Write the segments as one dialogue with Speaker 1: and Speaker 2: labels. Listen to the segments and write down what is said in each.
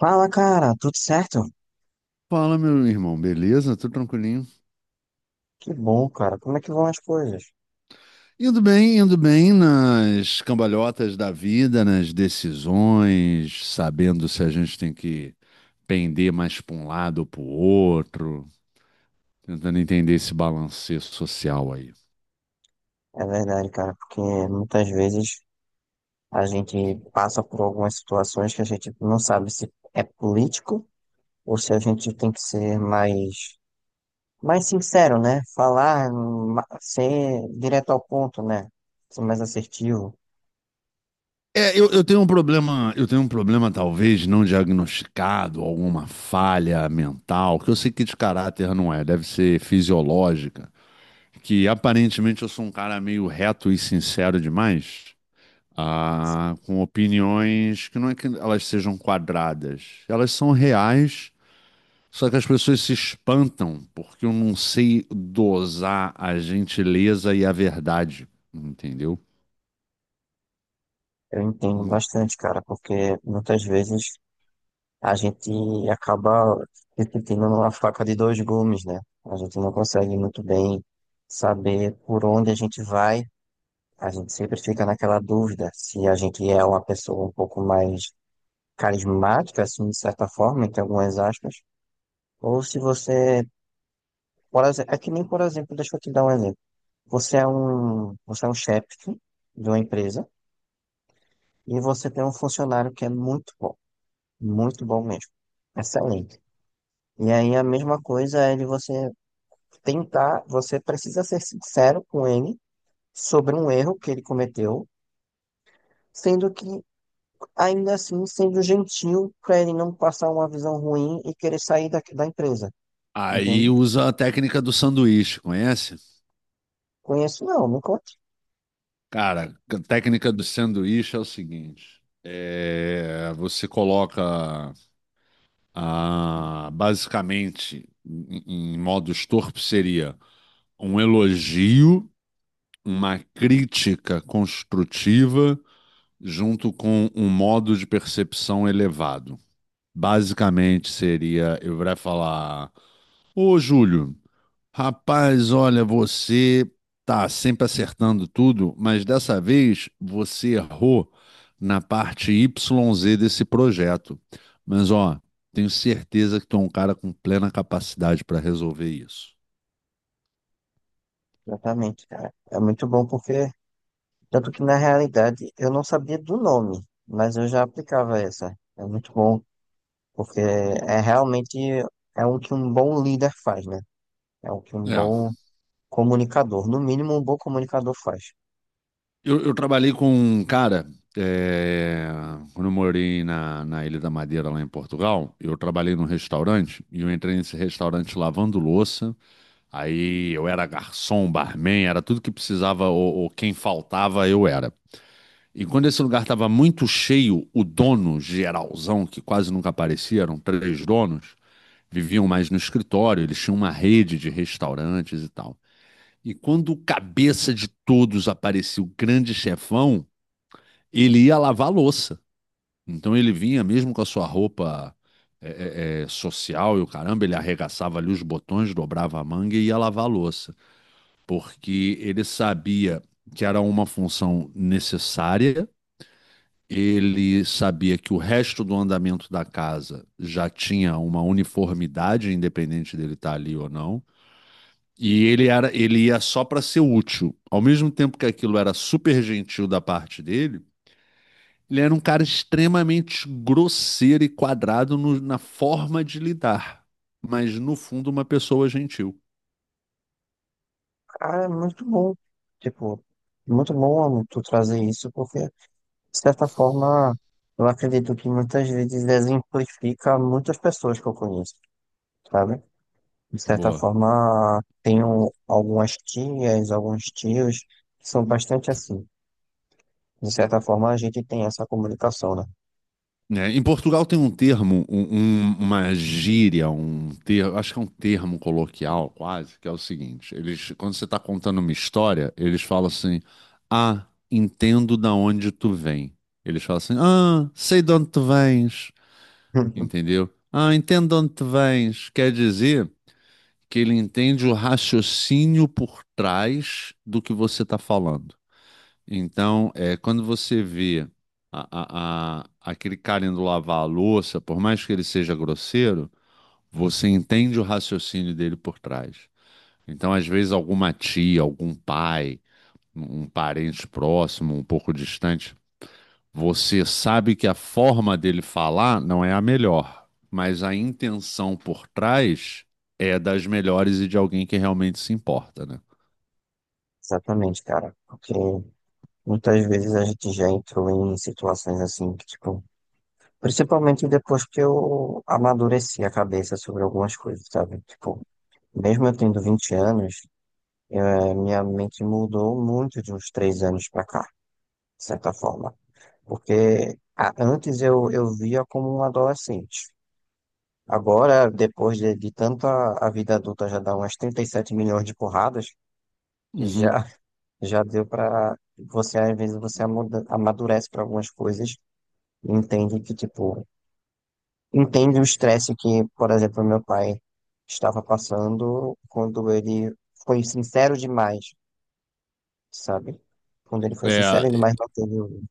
Speaker 1: Fala, cara, tudo certo?
Speaker 2: Fala, meu irmão, beleza? Tudo tranquilinho?
Speaker 1: Que bom, cara. Como é que vão as coisas?
Speaker 2: Indo bem nas cambalhotas da vida, nas decisões, sabendo se a gente tem que pender mais para um lado ou para o outro, tentando entender esse balanço social aí.
Speaker 1: É verdade, cara, porque muitas vezes a gente passa por algumas situações que a gente não sabe se é político ou se a gente tem que ser mais sincero, né? Falar, ser direto ao ponto, né? Ser mais assertivo.
Speaker 2: É, eu tenho um problema, eu tenho um problema talvez não diagnosticado, alguma falha mental, que eu sei que de caráter não é, deve ser fisiológica, que aparentemente eu sou um cara meio reto e sincero demais. Ah, com opiniões que não é que elas sejam quadradas, elas são reais, só que as pessoas se espantam porque eu não sei dosar a gentileza e a verdade, entendeu?
Speaker 1: Eu entendo
Speaker 2: Hum.
Speaker 1: bastante, cara, porque muitas vezes a gente acaba repetindo uma faca de dois gumes, né? A gente não consegue muito bem saber por onde a gente vai. A gente sempre fica naquela dúvida se a gente é uma pessoa um pouco mais carismática, assim, de certa forma, entre algumas aspas, ou se você, por exemplo, é que nem, por exemplo, deixa eu te dar um exemplo. Você é um chefe de uma empresa e você tem um funcionário que é muito bom mesmo, excelente. E aí a mesma coisa é de você tentar, você precisa ser sincero com ele sobre um erro que ele cometeu, sendo que, ainda assim, sendo gentil para ele não passar uma visão ruim e querer sair da empresa,
Speaker 2: Aí
Speaker 1: entende?
Speaker 2: usa a técnica do sanduíche, conhece?
Speaker 1: Conheço, não, não conte.
Speaker 2: Cara, a técnica do sanduíche é o seguinte: você coloca basicamente em modos torpes seria um elogio uma crítica construtiva junto com um modo de percepção elevado. Basicamente seria, eu iria falar, ô Júlio, rapaz, olha, você tá sempre acertando tudo, mas dessa vez você errou na parte YZ desse projeto. Mas ó, tenho certeza que tu é um cara com plena capacidade para resolver isso.
Speaker 1: Exatamente, cara. É muito bom porque, tanto que na realidade eu não sabia do nome, mas eu já aplicava essa. É muito bom porque é realmente é o que um bom líder faz, né? É o que um
Speaker 2: É.
Speaker 1: bom comunicador, no mínimo um bom comunicador faz.
Speaker 2: Eu trabalhei com um cara, é, quando eu morei na Ilha da Madeira, lá em Portugal, eu trabalhei num restaurante e eu entrei nesse restaurante lavando louça. Aí eu era garçom, barman, era tudo que precisava ou quem faltava, eu era. E quando esse lugar estava muito cheio, o dono geralzão, que quase nunca aparecia, eram três donos, viviam mais no escritório, eles tinham uma rede de restaurantes e tal. E quando o cabeça de todos aparecia, o grande chefão, ele ia lavar a louça. Então ele vinha mesmo com a sua roupa social e o caramba, ele arregaçava ali os botões, dobrava a manga e ia lavar a louça. Porque ele sabia que era uma função necessária, ele sabia que o resto do andamento da casa já tinha uma uniformidade, independente dele estar ali ou não. Ele ia só para ser útil. Ao mesmo tempo que aquilo era super gentil da parte dele, ele era um cara extremamente grosseiro e quadrado na forma de lidar, mas no fundo uma pessoa gentil.
Speaker 1: Ah, é muito bom. Tipo, muito bom tu trazer isso, porque, de certa forma, eu acredito que muitas vezes exemplifica muitas pessoas que eu conheço, sabe? De certa
Speaker 2: Boa.
Speaker 1: forma, tenho algumas tias, alguns tios que são bastante assim. De certa forma, a gente tem essa comunicação, né?
Speaker 2: É, em Portugal tem um termo, uma gíria, um termo, acho que é um termo coloquial quase, que é o seguinte: eles, quando você está contando uma história, eles falam assim, ah, entendo da onde tu vem. Eles falam assim, ah, sei de onde tu vens, entendeu? Ah, entendo de onde tu vens. Quer dizer que ele entende o raciocínio por trás do que você está falando. Então, quando você vê a- aquele cara indo lavar a louça, por mais que ele seja grosseiro, você entende o raciocínio dele por trás. Então, às vezes, alguma tia, algum pai, um parente próximo, um pouco distante, você sabe que a forma dele falar não é a melhor, mas a intenção por trás é das melhores e de alguém que realmente se importa, né?
Speaker 1: Exatamente, cara. Porque muitas vezes a gente já entrou em situações assim que, tipo, principalmente depois que eu amadureci a cabeça sobre algumas coisas, sabe? Tipo, mesmo eu tendo 20 anos, minha mente mudou muito de uns 3 anos pra cá, de certa forma. Porque antes eu via como um adolescente. Agora, depois de tanta a vida adulta já dá umas 37 milhões de porradas,
Speaker 2: Uhum.
Speaker 1: já, já deu pra você, às vezes, você amadurece pra algumas coisas e entende que, tipo, entende o estresse que, por exemplo, meu pai estava passando quando ele foi sincero demais, sabe? Quando ele foi sincero
Speaker 2: É,
Speaker 1: demais, não teve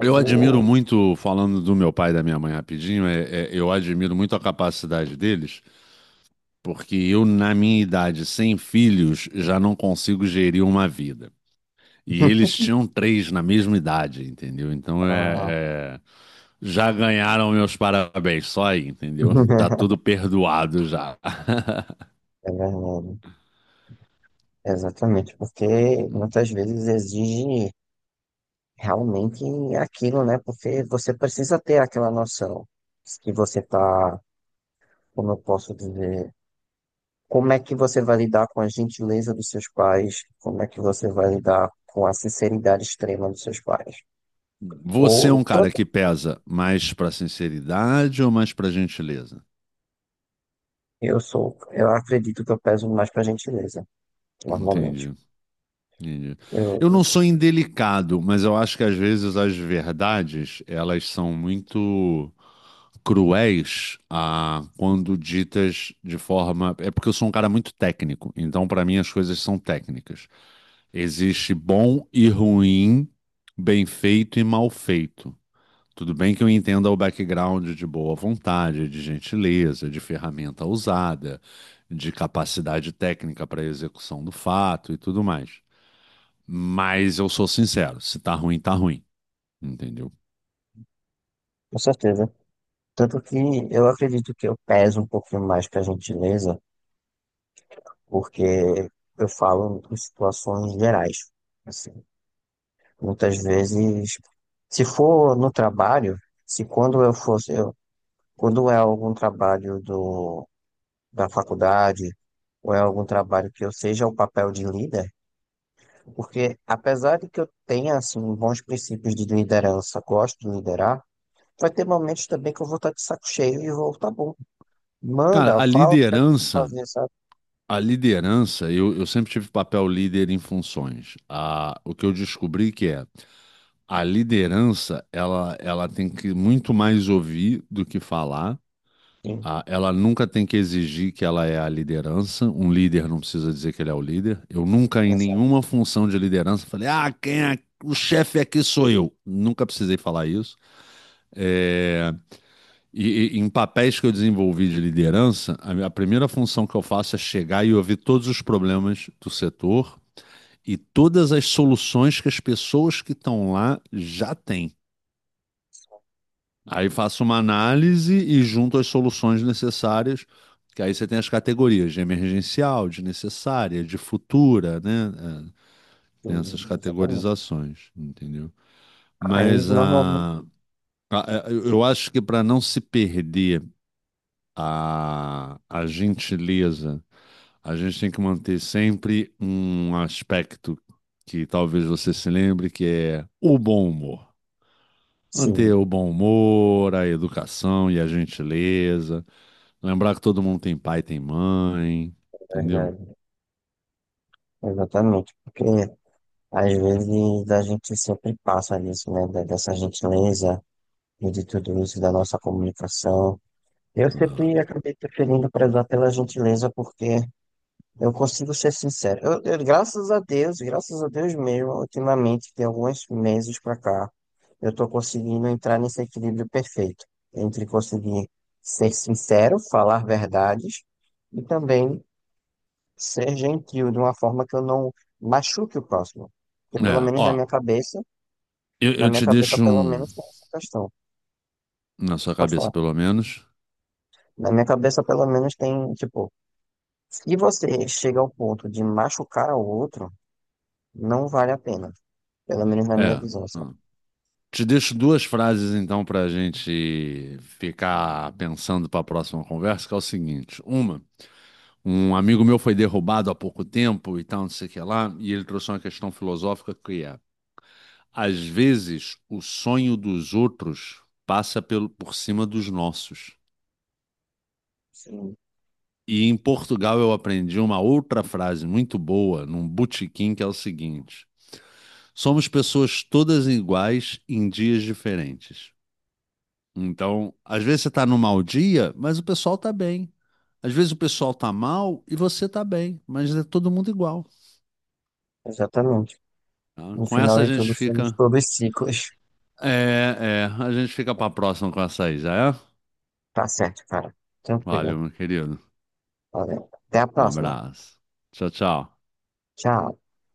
Speaker 2: Eu admiro
Speaker 1: o-
Speaker 2: muito, falando do meu pai e da minha mãe rapidinho, eu admiro muito a capacidade deles, porque eu, na minha idade, sem filhos, já não consigo gerir uma vida. E eles tinham três na mesma idade, entendeu? Então
Speaker 1: a-
Speaker 2: já ganharam meus parabéns, só aí, entendeu? Tá tudo perdoado já.
Speaker 1: É verdade. Exatamente, porque muitas vezes exige realmente aquilo, né? Porque você precisa ter aquela noção que você tá, como eu posso dizer, como é que você vai lidar com a gentileza dos seus pais? Como é que você vai lidar com a sinceridade extrema dos seus pais?
Speaker 2: Você é um
Speaker 1: Ou
Speaker 2: cara
Speaker 1: tanto
Speaker 2: que pesa mais pra sinceridade ou mais pra gentileza?
Speaker 1: eu sou, eu acredito que eu peso mais para gentileza, normalmente.
Speaker 2: Entendi. Entendi.
Speaker 1: Eu,
Speaker 2: Eu não sou indelicado, mas eu acho que às vezes as verdades elas são muito cruéis quando ditas de forma. É porque eu sou um cara muito técnico, então para mim as coisas são técnicas. Existe bom e ruim, bem feito e mal feito. Tudo bem que eu entenda o background de boa vontade, de gentileza, de ferramenta usada, de capacidade técnica para execução do fato e tudo mais. Mas eu sou sincero, se tá ruim, tá ruim, entendeu?
Speaker 1: com certeza. Tanto que eu acredito que eu peso um pouquinho mais para gentileza, porque eu falo em situações gerais. Assim, muitas vezes, se for no trabalho, se quando quando é algum trabalho do da faculdade, ou é algum trabalho que eu seja o papel de líder, porque apesar de que eu tenha assim bons princípios de liderança, gosto de liderar, vai ter momentos também que eu vou estar de saco cheio e vou, tá bom,
Speaker 2: Cara,
Speaker 1: manda, fala o que é que tem que fazer, sabe?
Speaker 2: a liderança, eu sempre tive papel líder em funções. O que eu descobri que é, a liderança, ela tem que muito mais ouvir do que falar.
Speaker 1: Sim,
Speaker 2: Ela nunca tem que exigir que ela é a liderança. Um líder não precisa dizer que ele é o líder. Eu nunca, em
Speaker 1: exato,
Speaker 2: nenhuma função de liderança, falei, ah, quem é o chefe aqui sou eu. Nunca precisei falar isso. É, e em papéis que eu desenvolvi de liderança, a primeira função que eu faço é chegar e ouvir todos os problemas do setor e todas as soluções que as pessoas que estão lá já têm. Aí faço uma análise e junto as soluções necessárias, que aí você tem as categorias de emergencial, de necessária, de futura, né? Tem essas
Speaker 1: sim, exatamente.
Speaker 2: categorizações, entendeu?
Speaker 1: Aí
Speaker 2: Mas
Speaker 1: normalmente,
Speaker 2: eu acho que para não se perder a gentileza. A gente tem que manter sempre um aspecto que talvez você se lembre, que é o bom humor. Manter
Speaker 1: sim,
Speaker 2: o bom humor, a educação e a gentileza. Lembrar que todo mundo tem pai, tem mãe,
Speaker 1: é
Speaker 2: entendeu?
Speaker 1: verdade, exatamente, porque às vezes a gente sempre passa nisso, né, dessa gentileza e de tudo isso, da nossa comunicação. Eu
Speaker 2: Ah.
Speaker 1: sempre acabei preferindo prezar pela gentileza porque eu consigo ser sincero. Graças a Deus mesmo, ultimamente, tem alguns meses pra cá, eu tô conseguindo entrar nesse equilíbrio perfeito entre conseguir ser sincero, falar verdades e também ser gentil de uma forma que eu não machuque o próximo. Porque pelo
Speaker 2: É,
Speaker 1: menos
Speaker 2: ó, eu,
Speaker 1: na
Speaker 2: eu
Speaker 1: minha
Speaker 2: te
Speaker 1: cabeça
Speaker 2: deixo
Speaker 1: pelo
Speaker 2: um,
Speaker 1: menos tem essa questão.
Speaker 2: na sua
Speaker 1: Pode
Speaker 2: cabeça
Speaker 1: falar.
Speaker 2: pelo menos.
Speaker 1: Na minha cabeça pelo menos tem, tipo, se você chega ao ponto de machucar o outro, não vale a pena. Pelo menos na minha
Speaker 2: É.
Speaker 1: visão, sabe?
Speaker 2: Ah. Te deixo duas frases então para a gente ficar pensando para a próxima conversa, que é o seguinte: uma, um amigo meu foi derrubado há pouco tempo e tal, não sei o que lá, e ele trouxe uma questão filosófica que é: às vezes o sonho dos outros passa pelo, por cima dos nossos.
Speaker 1: Sim,
Speaker 2: E em Portugal eu aprendi uma outra frase muito boa num botequim que é o seguinte: somos pessoas todas iguais em dias diferentes. Então, às vezes você está num mau dia, mas o pessoal está bem. Às vezes o pessoal está mal e você está bem, mas é todo mundo igual.
Speaker 1: exatamente.
Speaker 2: Tá?
Speaker 1: No
Speaker 2: Com
Speaker 1: final
Speaker 2: essa a
Speaker 1: de
Speaker 2: gente
Speaker 1: tudo, somos
Speaker 2: fica.
Speaker 1: todos ciclos.
Speaker 2: A gente fica pra próxima com essa aí, já é?
Speaker 1: Tá certo, cara.
Speaker 2: Valeu,
Speaker 1: Tranquilo.
Speaker 2: meu querido.
Speaker 1: Valeu. Até a
Speaker 2: Um
Speaker 1: próxima.
Speaker 2: abraço. Tchau, tchau.
Speaker 1: Tchau.